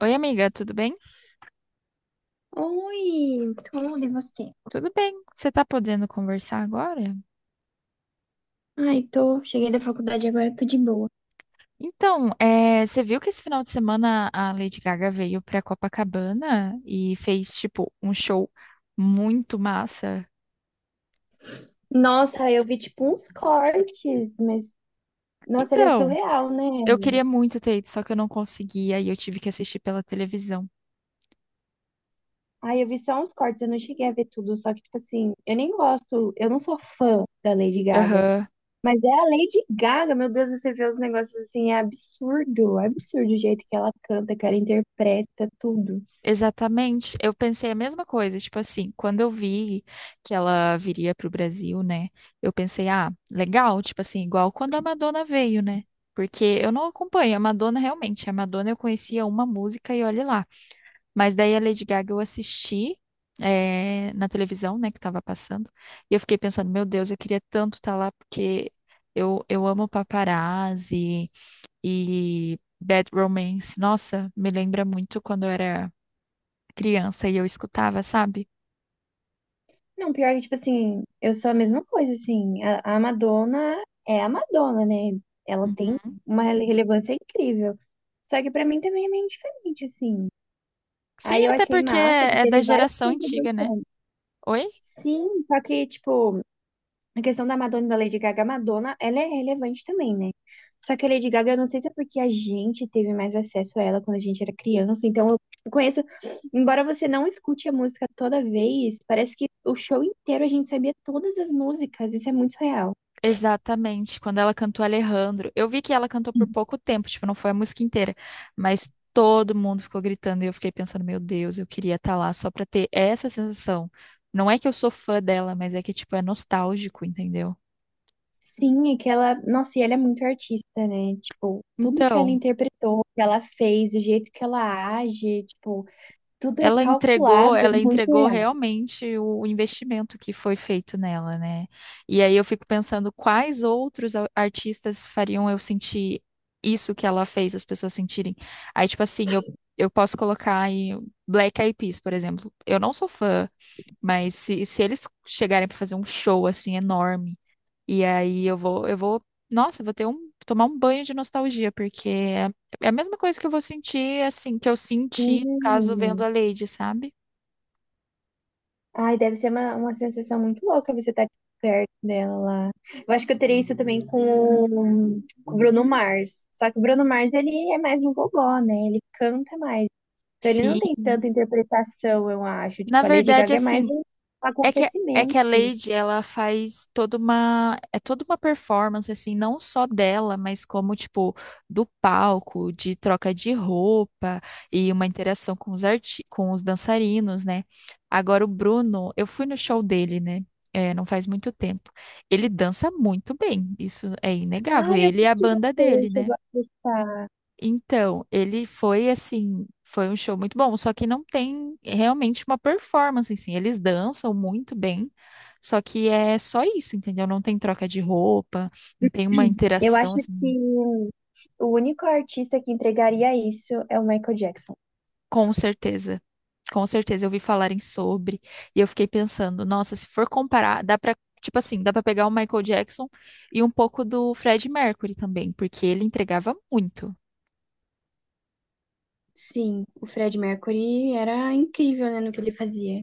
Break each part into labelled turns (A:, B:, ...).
A: Oi, amiga, tudo bem?
B: Oi, tudo e você?
A: Tudo bem. Você tá podendo conversar agora?
B: Ai, tô, cheguei da faculdade agora, tô de boa.
A: Então, é, você viu que esse final de semana a Lady Gaga veio pra Copacabana e fez, tipo, um show muito massa?
B: Nossa, eu vi tipo uns cortes, mas nossa, ele é
A: Então,
B: surreal, né?
A: eu queria muito ter ido, só que eu não consegui, aí eu tive que assistir pela televisão.
B: Ai, eu vi só uns cortes, eu não cheguei a ver tudo, só que tipo assim, eu nem gosto, eu não sou fã da Lady Gaga,
A: Aham.
B: mas é a Lady Gaga, meu Deus, você vê os negócios assim, é absurdo o jeito que ela canta, que ela interpreta tudo.
A: Exatamente, eu pensei a mesma coisa, tipo assim, quando eu vi que ela viria pro Brasil, né? Eu pensei, ah, legal, tipo assim, igual quando a Madonna veio, né? Porque eu não acompanho a Madonna realmente. A Madonna eu conhecia uma música e olhe lá. Mas daí a Lady Gaga eu assisti na televisão, né, que tava passando. E eu fiquei pensando, meu Deus, eu queria tanto estar lá porque eu amo paparazzi e Bad Romance. Nossa, me lembra muito quando eu era criança e eu escutava, sabe?
B: Não, pior que, tipo assim, eu sou a mesma coisa, assim. A Madonna é a Madonna, né? Ela tem
A: Uhum.
B: uma relevância incrível. Só que pra mim também é meio diferente, assim.
A: Sim,
B: Aí eu
A: até
B: achei
A: porque
B: massa que
A: é da
B: teve várias
A: geração antiga, né?
B: contribuições.
A: Oi?
B: Sim, só que, tipo, a questão da Madonna e da Lady Gaga, a Madonna, ela é relevante também, né? Só que a Lady Gaga, eu não sei se é porque a gente teve mais acesso a ela quando a gente era criança, então eu conheço, embora você não escute a música toda vez, parece que o show inteiro a gente sabia todas as músicas, isso é muito real.
A: Exatamente, quando ela cantou Alejandro. Eu vi que ela cantou por pouco tempo, tipo, não foi a música inteira, mas todo mundo ficou gritando e eu fiquei pensando, meu Deus, eu queria estar lá só pra ter essa sensação. Não é que eu sou fã dela, mas é que, tipo, é nostálgico, entendeu?
B: Sim, é que ela, nossa, e ela é muito artista, né? Tipo, tudo que ela
A: Então.
B: interpretou, que ela fez, o jeito que ela age, tipo, tudo é calculado, é
A: Ela
B: muito
A: entregou
B: real.
A: realmente o investimento que foi feito nela, né? E aí eu fico pensando quais outros artistas fariam eu sentir isso que ela fez as pessoas sentirem. Aí, tipo assim, eu posso colocar aí Black Eyed Peas, por exemplo. Eu não sou fã, mas se eles chegarem para fazer um show assim enorme e aí nossa, eu vou tomar um banho de nostalgia, porque é a mesma coisa que eu vou sentir, assim, que eu senti, no caso, vendo
B: Sim.
A: a Lady, sabe?
B: Ai, deve ser uma sensação muito louca você estar perto dela lá. Eu acho que eu teria isso também com o Bruno Mars. Só que o Bruno Mars, ele é mais um gogó, né? Ele canta mais. Então ele não
A: Sim.
B: tem tanta interpretação, eu acho.
A: Na
B: Tipo, a Lady
A: verdade,
B: Gaga é mais
A: assim,
B: um
A: É que, é
B: acontecimento.
A: que a Lady, ela faz toda uma performance, assim, não só dela, mas como, tipo, do palco, de troca de roupa e uma interação com os arti com os dançarinos, né? Agora, o Bruno, eu fui no show dele, né? É, não faz muito tempo. Ele dança muito bem, isso é inegável.
B: Ai, eu
A: Ele e
B: sei
A: a
B: que
A: banda
B: você
A: dele, né?
B: chegou a gostar.
A: Então, ele foi assim, foi um show muito bom, só que não tem realmente uma performance assim. Eles dançam muito bem, só que é só isso, entendeu? Não tem troca de roupa, não tem uma
B: Eu acho
A: interação assim,
B: que o único artista que entregaria isso é o Michael Jackson.
A: com certeza. Com certeza eu vi falarem sobre e eu fiquei pensando, nossa, se for comparar, dá pra, tipo assim, dá pra pegar o Michael Jackson e um pouco do Fred Mercury também, porque ele entregava muito.
B: Sim, o Fred Mercury era incrível, né, no que ele fazia.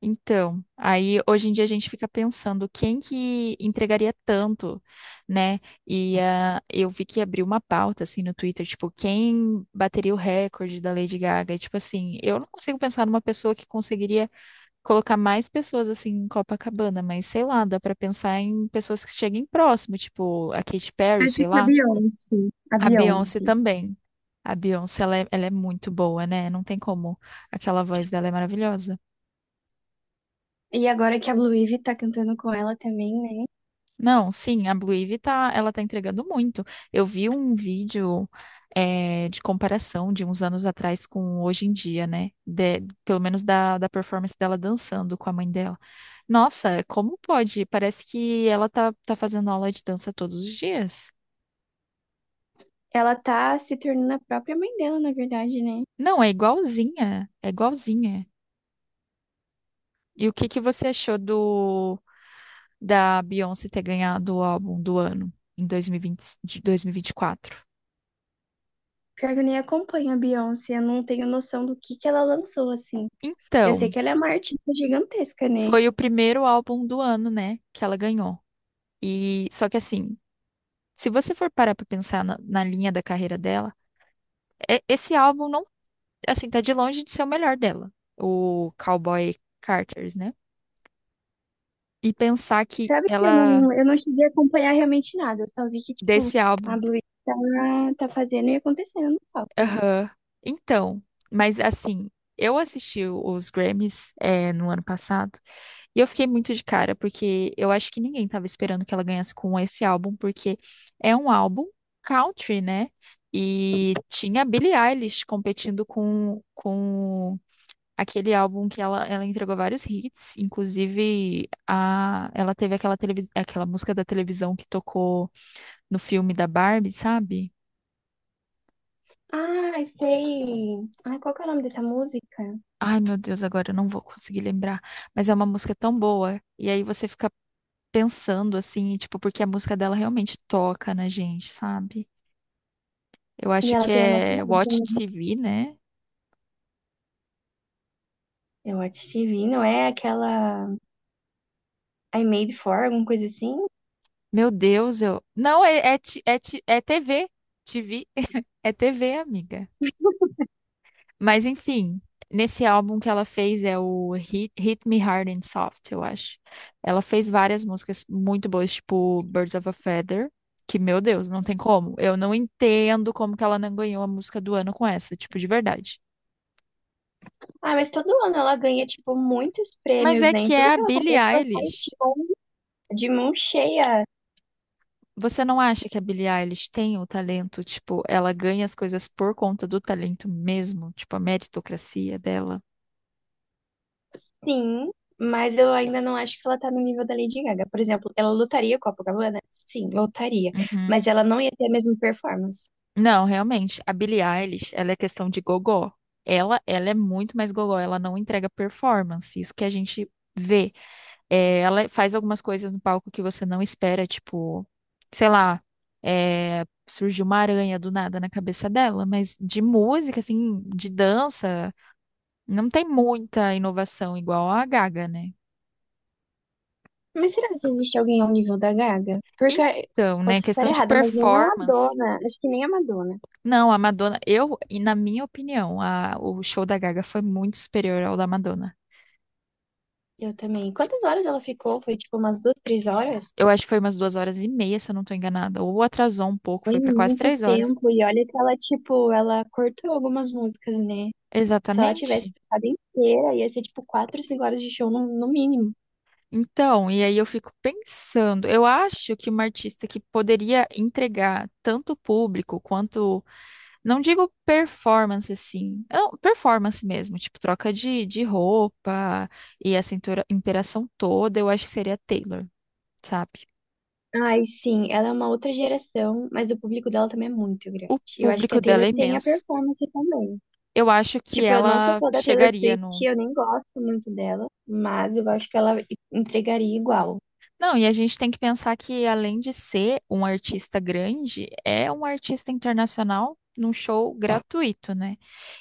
A: Então, aí hoje em dia a gente fica pensando quem que entregaria tanto, né? E ah, eu vi que abriu uma pauta assim no Twitter, tipo, quem bateria o recorde da Lady Gaga? E, tipo assim, eu não consigo pensar numa pessoa que conseguiria colocar mais pessoas assim em Copacabana, mas sei lá, dá pra pensar em pessoas que cheguem próximo, tipo a Katy Perry,
B: Acho
A: sei
B: que a
A: lá,
B: Beyoncé. A
A: a Beyoncé
B: Beyoncé.
A: também. A Beyoncé, ela é muito boa, né? Não tem como. Aquela voz dela é maravilhosa.
B: E agora que a Blue Ivy tá cantando com ela também, né?
A: Não, sim, a Blue Ivy tá, ela tá entregando muito. Eu vi um vídeo de comparação de uns anos atrás com hoje em dia, né? Pelo menos da performance dela dançando com a mãe dela. Nossa, como pode? Parece que ela tá fazendo aula de dança todos os dias.
B: Ela tá se tornando a própria mãe dela, na verdade, né?
A: Não, é igualzinha, é igualzinha. E o que que você achou do da Beyoncé ter ganhado o álbum do ano em 2020 de 2024?
B: Pior que eu nem acompanho a Beyoncé, eu não tenho noção do que ela lançou, assim. Eu sei
A: Então,
B: que ela é uma artista gigantesca, né?
A: foi o primeiro álbum do ano, né, que ela ganhou. E só que assim, se você for parar pra pensar na linha da carreira dela, esse álbum não, assim, tá de longe de ser o melhor dela, o Cowboy Carters, né? E pensar que
B: Sabe que eu
A: ela
B: não, eu não cheguei a acompanhar realmente nada, eu só vi que, tipo,
A: desse
B: a
A: álbum,
B: Blue Ivy tá fazendo e acontecendo no palco, né?
A: aham. Então, mas assim, eu assisti os Grammys no ano passado. E eu fiquei muito de cara, porque eu acho que ninguém tava esperando que ela ganhasse com esse álbum, porque é um álbum country, né? E tinha a Billie Eilish competindo com aquele álbum que ela entregou vários hits, inclusive ela teve aquela música da televisão que tocou no filme da Barbie, sabe?
B: Ah, sei! Ah, qual que é o nome dessa música?
A: Ai, meu Deus, agora eu não vou conseguir lembrar, mas é uma música tão boa. E aí você fica pensando assim, tipo, porque a música dela realmente toca na gente, sabe? Eu
B: E
A: acho
B: ela
A: que
B: tem a nossa
A: é
B: idade
A: Watch
B: também.
A: TV, né?
B: Eu acho que vi, não é aquela. I Made For, alguma coisa assim.
A: Meu Deus, eu. Não, é TV. TV. É TV, amiga. Mas enfim, nesse álbum que ela fez é o Hit Me Hard and Soft, eu acho. Ela fez várias músicas muito boas, tipo Birds of a Feather, que, meu Deus, não tem como. Eu não entendo como que ela não ganhou a música do ano com essa, tipo, de verdade.
B: Ah, mas todo ano ela ganha, tipo, muitos
A: Mas
B: prêmios,
A: é
B: né?
A: que
B: Em tudo
A: é a
B: que ela
A: Billie
B: compete, ela sai
A: Eilish.
B: tipo, de mão cheia.
A: Você não acha que a Billie Eilish tem o talento? Tipo, ela ganha as coisas por conta do talento mesmo? Tipo, a meritocracia dela?
B: Sim, mas eu ainda não acho que ela tá no nível da Lady Gaga. Por exemplo, ela lutaria com a Copacabana? Sim, lutaria.
A: Uhum.
B: Mas ela não ia ter a mesma performance.
A: Não, realmente, a Billie Eilish, ela é questão de gogó. Ela é muito mais gogó, ela não entrega performance, isso que a gente vê. É, ela faz algumas coisas no palco que você não espera, tipo, sei lá, é, surgiu uma aranha do nada na cabeça dela, mas de música, assim, de dança, não tem muita inovação igual a Gaga, né?
B: Mas será que existe alguém ao nível da Gaga? Porque,
A: Então, né,
B: posso estar
A: questão de
B: errada, mas nem a
A: performance.
B: Madonna. Acho que nem a Madonna.
A: Não, a Madonna, e na minha opinião, o show da Gaga foi muito superior ao da Madonna.
B: Eu também. Quantas horas ela ficou? Foi, tipo, umas 2, 3 horas?
A: Eu acho que foi umas 2 horas e meia, se eu não tô enganada. Ou atrasou um pouco,
B: Foi
A: foi pra quase
B: muito
A: 3 horas.
B: tempo, e olha que ela, tipo, ela cortou algumas músicas, né? Se ela tivesse
A: Exatamente.
B: tocado inteira, ia ser, tipo, 4, 5 horas de show no mínimo.
A: Então, e aí eu fico pensando, eu acho que uma artista que poderia entregar tanto o público quanto. Não digo performance assim, não, performance mesmo, tipo troca de roupa e essa interação toda, eu acho que seria a Taylor, sabe?
B: Ai, sim, ela é uma outra geração, mas o público dela também é muito grande.
A: O
B: E eu acho que a
A: público
B: Taylor
A: dela é
B: tem a
A: imenso.
B: performance também.
A: Eu acho que
B: Tipo, eu não sou
A: ela
B: fã da Taylor
A: chegaria
B: Swift,
A: no.
B: eu nem gosto muito dela, mas eu acho que ela entregaria igual.
A: Não, e a gente tem que pensar que além de ser um artista grande, é um artista internacional num show gratuito, né?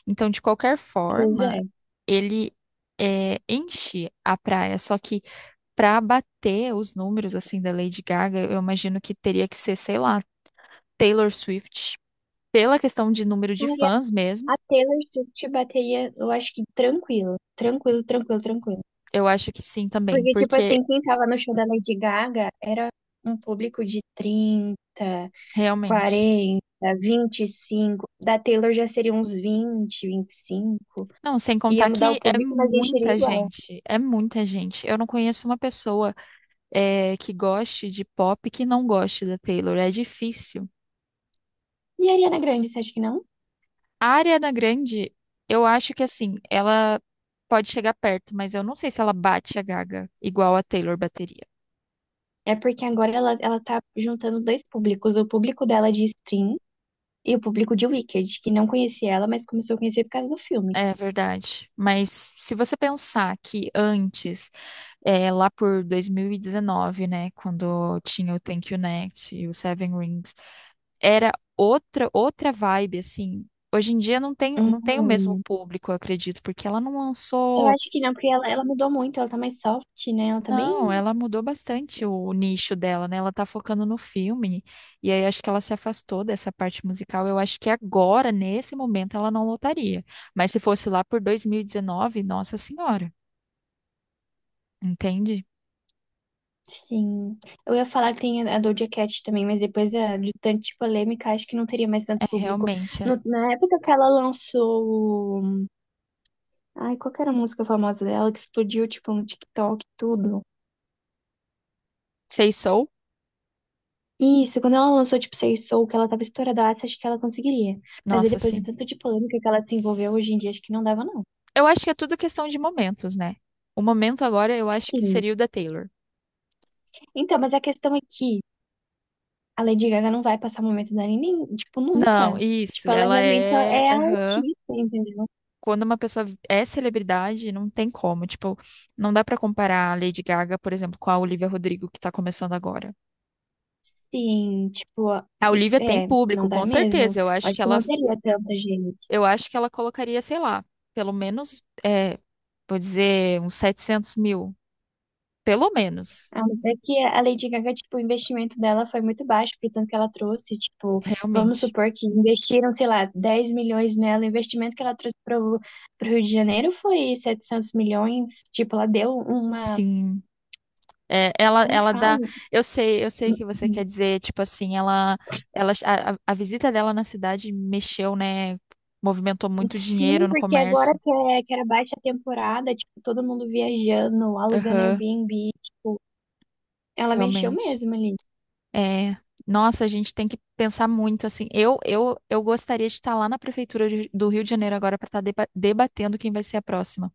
A: Então, de qualquer
B: Pois é.
A: forma, ele é, enche a praia, só que para bater os números assim da Lady Gaga, eu imagino que teria que ser, sei lá, Taylor Swift. Pela questão de número de
B: Ai,
A: fãs mesmo,
B: A Taylor Swift bateria, eu acho que tranquilo, tranquilo, tranquilo, tranquilo.
A: eu acho que sim também,
B: Porque, tipo
A: porque
B: assim, quem tava no show da Lady Gaga era um público de 30,
A: realmente.
B: 40, 25. Da Taylor já seria uns 20, 25.
A: Não, sem
B: Ia
A: contar
B: mudar
A: que
B: o
A: é
B: público, mas encheria
A: muita
B: igual.
A: gente, é muita gente. Eu não conheço uma pessoa que goste de pop que não goste da Taylor, é difícil.
B: E a Ariana Grande, você acha que não?
A: A Ariana Grande, eu acho que assim, ela pode chegar perto, mas eu não sei se ela bate a Gaga igual a Taylor bateria.
B: É porque agora ela tá juntando dois públicos. O público dela de stream e o público de Wicked, que não conhecia ela, mas começou a conhecer por causa do filme.
A: É verdade. Mas se você pensar que antes, lá por 2019, né, quando tinha o Thank You Next e o Seven Rings, era outra vibe, assim. Hoje em dia não tem o mesmo
B: Uhum.
A: público, eu acredito, porque ela não
B: Eu
A: lançou.
B: acho que não, porque ela mudou muito. Ela tá mais soft, né? Ela tá bem.
A: Não, ela mudou bastante o nicho dela, né? Ela tá focando no filme. E aí acho que ela se afastou dessa parte musical. Eu acho que agora, nesse momento, ela não lotaria. Mas se fosse lá por 2019, nossa senhora. Entende?
B: Sim. Eu ia falar que tem a Doja Cat também, mas depois de tanta polêmica, acho que não teria mais tanto
A: É
B: público.
A: realmente. É.
B: Na época que ela lançou. Ai, qual que era a música famosa dela que explodiu, tipo, no TikTok e tudo?
A: Sei sou?
B: Isso, quando ela lançou, tipo, Say Soul, que ela tava estouradaça, acho que ela conseguiria. Mas aí
A: Nossa,
B: depois do
A: sim.
B: tanto de polêmica que ela se envolveu hoje em dia, acho que não dava, não.
A: Eu acho que é tudo questão de momentos, né? O momento agora eu acho que
B: Sim.
A: seria o da Taylor.
B: Então, mas a questão é que a Lady Gaga não vai passar momento dela, nem, tipo,
A: Não,
B: nunca.
A: isso.
B: Tipo, ela
A: Ela
B: realmente só
A: é.
B: é
A: Aham.
B: artista, entendeu?
A: Quando uma pessoa é celebridade, não tem como. Tipo, não dá pra comparar a Lady Gaga, por exemplo, com a Olivia Rodrigo que tá começando agora.
B: Sim, tipo,
A: A Olivia tem
B: é,
A: público,
B: não dá
A: com
B: mesmo.
A: certeza. Eu acho
B: Acho
A: que
B: que
A: ela,
B: não teria tanta gente.
A: eu acho que ela colocaria, sei lá, pelo menos, vou dizer, uns 700 mil. Pelo menos,
B: A não ser que a Lady Gaga, tipo, o investimento dela foi muito baixo, pro tanto que ela trouxe. Tipo, vamos
A: realmente.
B: supor que investiram, sei lá, 10 milhões nela. O investimento que ela trouxe pro Rio de Janeiro foi 700 milhões. Tipo, ela deu uma.
A: Sim. É, ela,
B: Como que
A: ela dá.
B: fala?
A: Eu sei o que você quer dizer. Tipo assim, ela, a visita dela na cidade mexeu, né? Movimentou muito dinheiro
B: Sim,
A: no
B: porque agora
A: comércio.
B: que, que era baixa temporada, tipo, todo mundo viajando, alugando
A: Aham,
B: Airbnb. Tipo, ela mexeu
A: realmente.
B: mesmo ali.
A: É, nossa, a gente tem que pensar muito assim. Eu gostaria de estar lá na prefeitura do Rio de Janeiro agora para estar debatendo quem vai ser a próxima.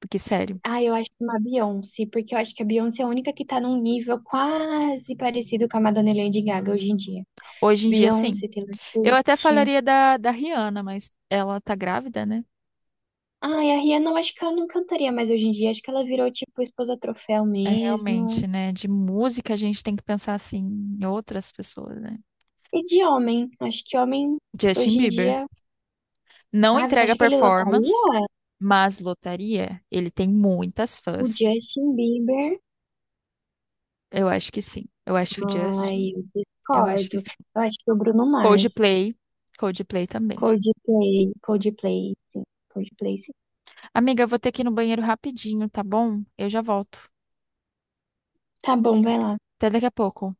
A: Porque, sério,
B: Ah, eu acho uma Beyoncé, porque eu acho que a Beyoncé é a única que tá num nível quase parecido com a Madonna e Lady Gaga hoje em dia.
A: hoje em dia, sim.
B: Beyoncé, Taylor
A: Eu até
B: Swift.
A: falaria da Rihanna, mas ela tá grávida, né?
B: Ai, a Rihanna eu acho que ela não cantaria mais hoje em dia. Acho que ela virou tipo esposa troféu
A: É
B: mesmo.
A: realmente, né? De música a gente tem que pensar assim em outras pessoas, né?
B: E de homem, acho que homem
A: Justin
B: hoje em
A: Bieber
B: dia.
A: não
B: Ah, você
A: entrega
B: acha que ele
A: performance,
B: lotaria?
A: mas lotaria. Ele tem muitas
B: O
A: fãs.
B: Justin Bieber?
A: Eu acho que sim. Eu acho que o Justin,
B: Ai, eu
A: eu acho que
B: discordo.
A: sim.
B: Eu acho que o Bruno Mars.
A: Coldplay, Coldplay também.
B: Coldplay, Coldplay, sim. Coldplay, sim.
A: Amiga, eu vou ter que ir no banheiro rapidinho, tá bom? Eu já volto.
B: Tá bom, vai lá.
A: Até daqui a pouco.